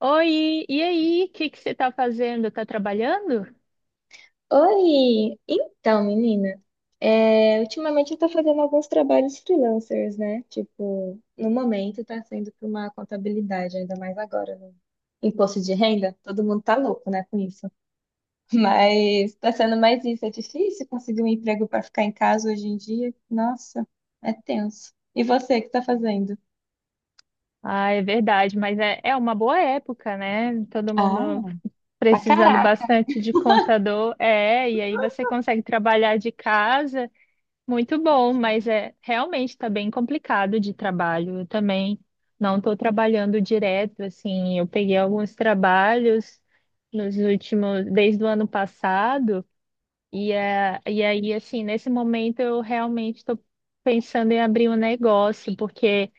Oi, e aí? O que que você está fazendo? Está trabalhando? Oi! Então, menina, ultimamente eu tô fazendo alguns trabalhos freelancers, né? Tipo, no momento tá sendo para uma contabilidade, ainda mais agora, no imposto de renda. Todo mundo tá louco, né, com isso. Mas tá sendo mais isso. É difícil conseguir um emprego para ficar em casa hoje em dia. Nossa, é tenso. E você, o que tá fazendo? Ah, é verdade, mas é uma boa época, né? Todo Ah, mundo pra precisando caraca! bastante de contador. É, e aí você consegue trabalhar de casa, muito bom, mas é realmente está bem complicado de trabalho. Eu também não estou trabalhando direto, assim, eu peguei alguns trabalhos nos últimos, desde o ano passado. E aí, assim, nesse momento eu realmente estou pensando em abrir um negócio, porque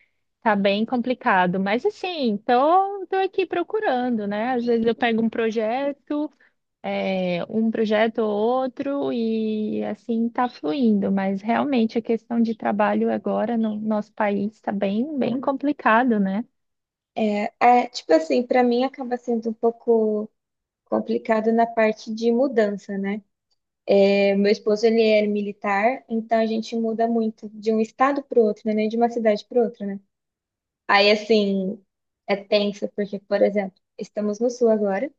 tá bem complicado. Mas, assim, tô aqui procurando, né? Às vezes eu pego um projeto, um projeto ou outro, e assim tá fluindo. Mas realmente a questão de trabalho agora no nosso país está bem, bem complicado, né? É, é, tipo assim, pra mim acaba sendo um pouco complicado na parte de mudança, né? É, meu esposo, ele é militar, então a gente muda muito de um estado para o outro, né? Nem de uma cidade para outra, né? Aí, assim, é tenso, porque, por exemplo, estamos no Sul agora,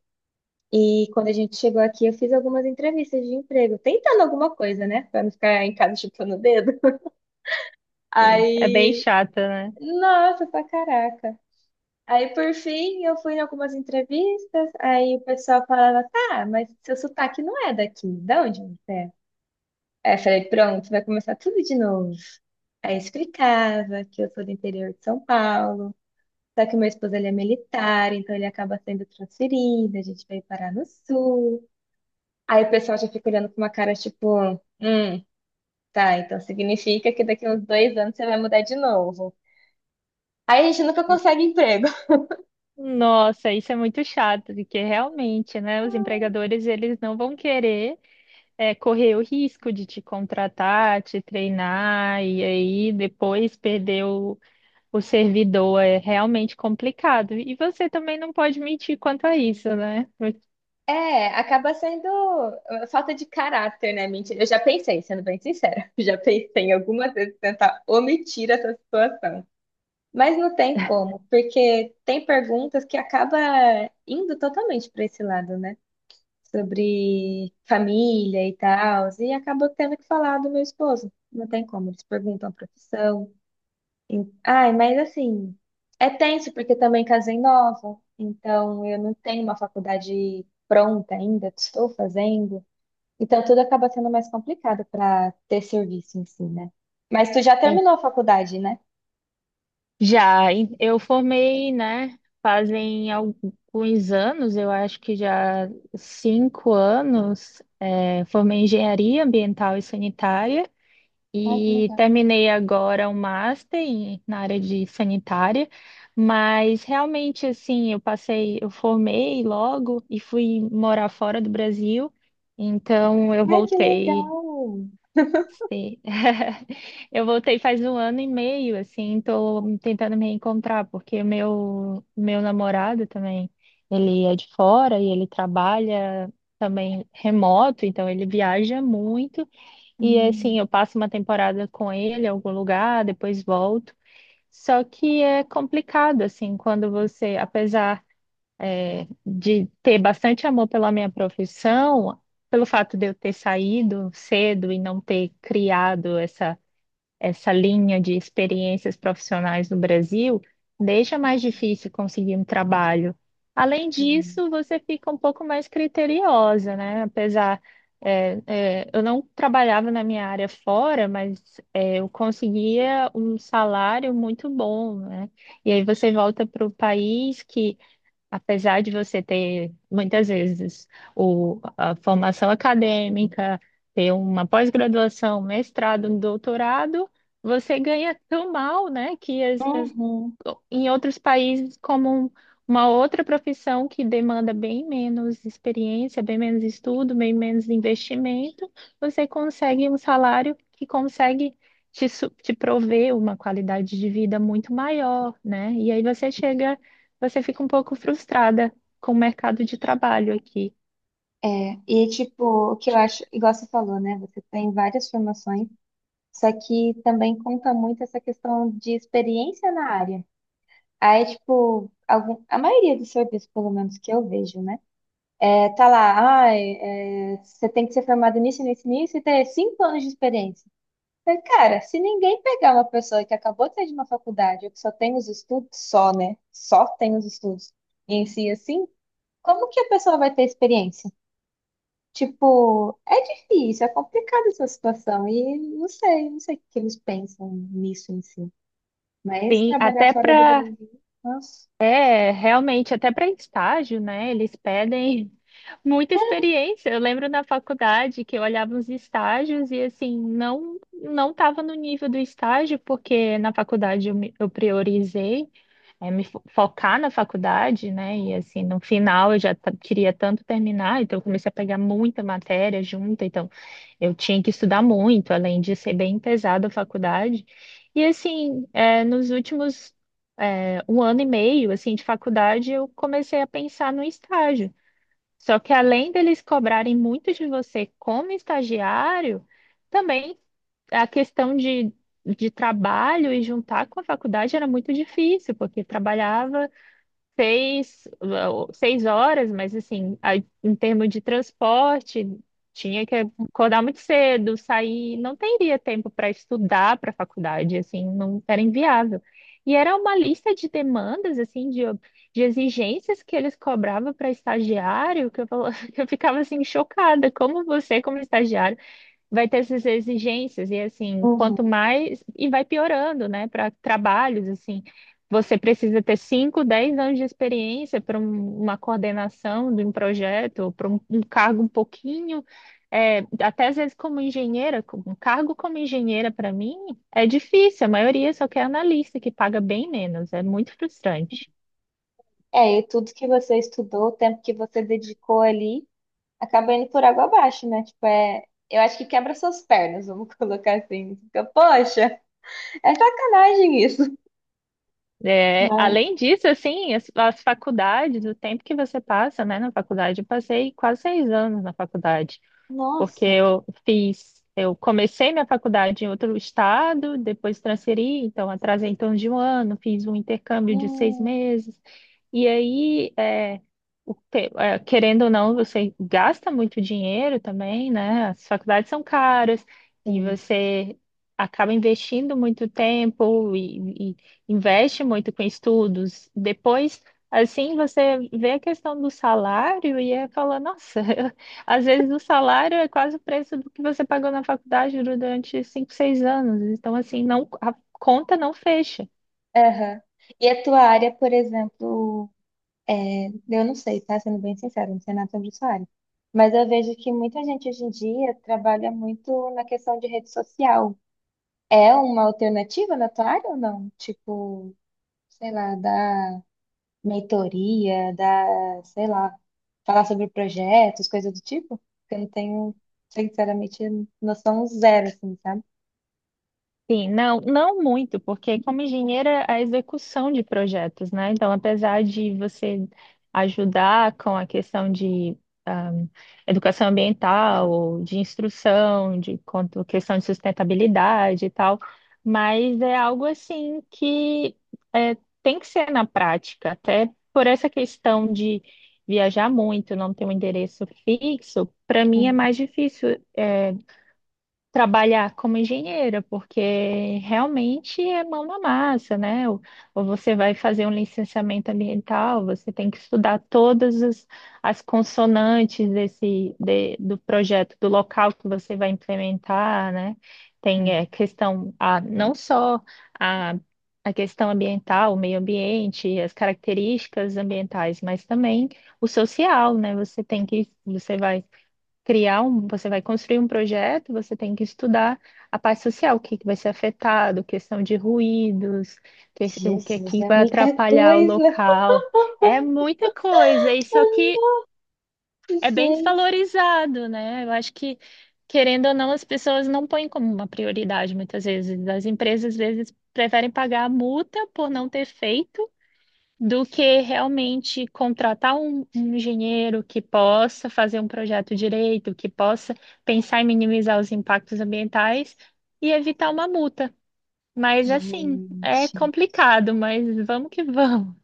e quando a gente chegou aqui, eu fiz algumas entrevistas de emprego, tentando alguma coisa, né? Pra não ficar em casa chupando o dedo. É bem Aí, chata, né? nossa, pra caraca. Aí, por fim, eu fui em algumas entrevistas, aí o pessoal falava, tá, mas seu sotaque não é daqui, de onde você é? Aí eu falei, pronto, vai começar tudo de novo. Aí eu explicava que eu sou do interior de São Paulo, só que meu esposo ele é militar, então ele acaba sendo transferido, a gente veio parar no sul. Aí o pessoal já fica olhando com uma cara tipo, tá, então significa que daqui uns 2 anos você vai mudar de novo. Aí a gente nunca consegue emprego. Nossa, isso é muito chato, porque realmente, né, os empregadores eles não vão querer correr o risco de te contratar, te treinar e aí depois perder o servidor é realmente complicado. E você também não pode mentir quanto a isso, né? É, acaba sendo falta de caráter, né? Mentira. Eu já pensei, sendo bem sincera, já pensei em algumas vezes tentar omitir essa situação. Mas não tem como, porque tem perguntas que acaba indo totalmente para esse lado, né? Sobre família e tal, e acabo tendo que falar do meu esposo. Não tem como, eles perguntam a profissão. E- Ai, mas assim, é tenso porque também casei nova, então eu não tenho uma faculdade pronta ainda, estou fazendo. Então tudo acaba sendo mais complicado para ter serviço em si, né? Mas tu já terminou a faculdade, né? Já, eu formei, né? Fazem alguns anos, eu acho que já 5 anos, formei engenharia ambiental e sanitária. Ai, que E legal. terminei agora um master na área de sanitária, mas realmente assim, eu passei, eu formei logo e fui morar fora do Brasil. Então eu Ai, que voltei, legal! sim. Eu voltei faz um ano e meio, assim, estou tentando me reencontrar, porque meu namorado também, ele é de fora e ele trabalha também remoto, então ele viaja muito. E Hum, assim, eu passo uma temporada com ele em algum lugar, depois volto. Só que é complicado, assim, quando você, apesar, de ter bastante amor pela minha profissão, pelo fato de eu ter saído cedo e não ter criado essa linha de experiências profissionais no Brasil deixa mais difícil conseguir um trabalho. Além hum. disso, você fica um pouco mais criteriosa, né? Apesar, eu não trabalhava na minha área fora, mas eu conseguia um salário muito bom, né? E aí você volta para o país que, apesar de você ter, muitas vezes, a formação acadêmica, ter uma pós-graduação, mestrado, um doutorado, você ganha tão mal, né, que Uhum. em outros países, como uma outra profissão que demanda bem menos experiência, bem menos estudo, bem menos investimento, você consegue um salário que consegue te prover uma qualidade de vida muito maior, né? E aí você chega você fica um pouco frustrada com o mercado de trabalho aqui. É, e tipo, o que eu acho, igual você falou, né? Você tem várias formações, só que também conta muito essa questão de experiência na área. Aí, tipo, a maioria dos serviços, pelo menos que eu vejo, né? É, tá lá, você tem que ser formado nisso, nisso, nisso e ter 5 anos de experiência. Mas, cara, se ninguém pegar uma pessoa que acabou de sair de uma faculdade, ou que só tem os estudos, só, né? Só tem os estudos, e ensina, como que a pessoa vai ter experiência? Tipo, é difícil, é complicada essa situação e não sei o que eles pensam nisso em si. Mas Sim, trabalhar até fora do para, Brasil, nossa. realmente, até para estágio, né? Eles pedem muita experiência. Eu lembro na faculdade que eu olhava os estágios e assim, não estava no nível do estágio, porque na faculdade eu, eu priorizei focar na faculdade, né? E assim, no final eu já queria tanto terminar, então eu comecei a pegar muita matéria junta, então eu tinha que estudar muito, além de ser bem pesada a faculdade. E assim, nos últimos um ano e meio assim de faculdade, eu comecei a pensar no estágio. Só que além deles cobrarem muito de você como estagiário, também a questão de, trabalho e juntar com a faculdade era muito difícil, porque trabalhava seis horas, mas assim, aí, em termos de transporte, tinha que acordar muito cedo, sair, não teria tempo para estudar para a faculdade, assim, não era inviável. E era uma lista de demandas, assim, de, exigências que eles cobravam para estagiário, que eu, que eu ficava assim chocada, como você, como estagiário vai ter essas exigências e assim, quanto Uhum. mais e vai piorando, né, para trabalhos assim. Você precisa ter 5, 10 anos de experiência para uma coordenação de um projeto, para um cargo um pouquinho, até às vezes como engenheira, um cargo como engenheira para mim é difícil, a maioria só quer analista, que paga bem menos, é muito frustrante. É, e tudo que você estudou, o tempo que você dedicou ali, acaba indo por água abaixo, né? Tipo, é, eu acho que quebra suas pernas, vamos colocar assim. Fica, poxa, é sacanagem isso. É, Não. além disso, assim, as faculdades, o tempo que você passa, né, na faculdade, eu passei quase 6 anos na faculdade. Porque Nossa. eu fiz, eu comecei minha faculdade em outro estado, depois transferi, então atrasei em torno de um ano, fiz um intercâmbio de seis Hum. meses, e aí, querendo ou não, você gasta muito dinheiro também, né? As faculdades são caras e Sim. você acaba investindo muito tempo e investe muito com estudos. Depois, assim, você vê a questão do salário e aí fala, nossa. Às vezes o salário é quase o preço do que você pagou na faculdade durante 5, 6 anos. Então, assim, não, a conta não fecha. Aham. E a tua área, por exemplo? Eu não sei, tá? Sendo bem sincero, não sei nada sobre essa área. Mas eu vejo que muita gente hoje em dia trabalha muito na questão de rede social. É uma alternativa na tua área ou não? Tipo, sei lá, da mentoria, sei lá, falar sobre projetos, coisa do tipo? Porque eu não tenho, sinceramente, noção zero, assim, sabe? Sim, não, não muito, porque como engenheira, a execução de projetos, né? Então, apesar de você ajudar com a questão de ah, educação ambiental, ou de instrução, de quanto questão de sustentabilidade e tal, mas é algo assim que tem que ser na prática, até por essa questão de viajar muito, não ter um endereço fixo, para mim é Hum, mais difícil trabalhar como engenheira, porque realmente é mão na massa, né? Ou você vai fazer um licenciamento ambiental, você tem que estudar todas as consonantes do projeto, do local que você vai implementar, né? Tem questão, a, não só a, a questão ambiental, o meio ambiente, as características ambientais, mas também o social, né? Você tem que, você vai criar um, você vai construir um projeto, você tem que estudar a parte social, o que que vai ser afetado, questão de ruídos, o que Jesus, que é vai muita atrapalhar o coisa, local. É muita coisa, e só que é bem gente. desvalorizado, né? Eu acho que, querendo ou não, as pessoas não põem como uma prioridade muitas vezes. As empresas, às vezes, preferem pagar a multa por não ter feito do que realmente contratar um engenheiro que possa fazer um projeto direito, que possa pensar em minimizar os impactos ambientais e evitar uma multa. Mas assim, é Gente. complicado, mas vamos que vamos.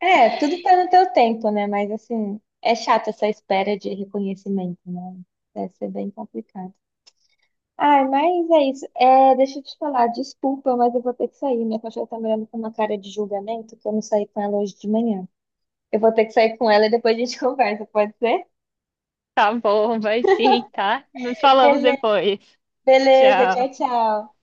É, tudo tá no teu tempo, né? Mas assim, é chato essa espera de reconhecimento, né? Deve ser bem complicado. Ai, mas é isso. É, deixa eu te falar, desculpa, mas eu vou ter que sair. Minha cachorra tá me olhando com uma cara de julgamento que eu não saí com ela hoje de manhã. Eu vou ter que sair com ela e depois a gente conversa, pode ser? Tá bom, vai sim, tá? Nos falamos Beleza. depois. Beleza, tchau, Tchau. tchau.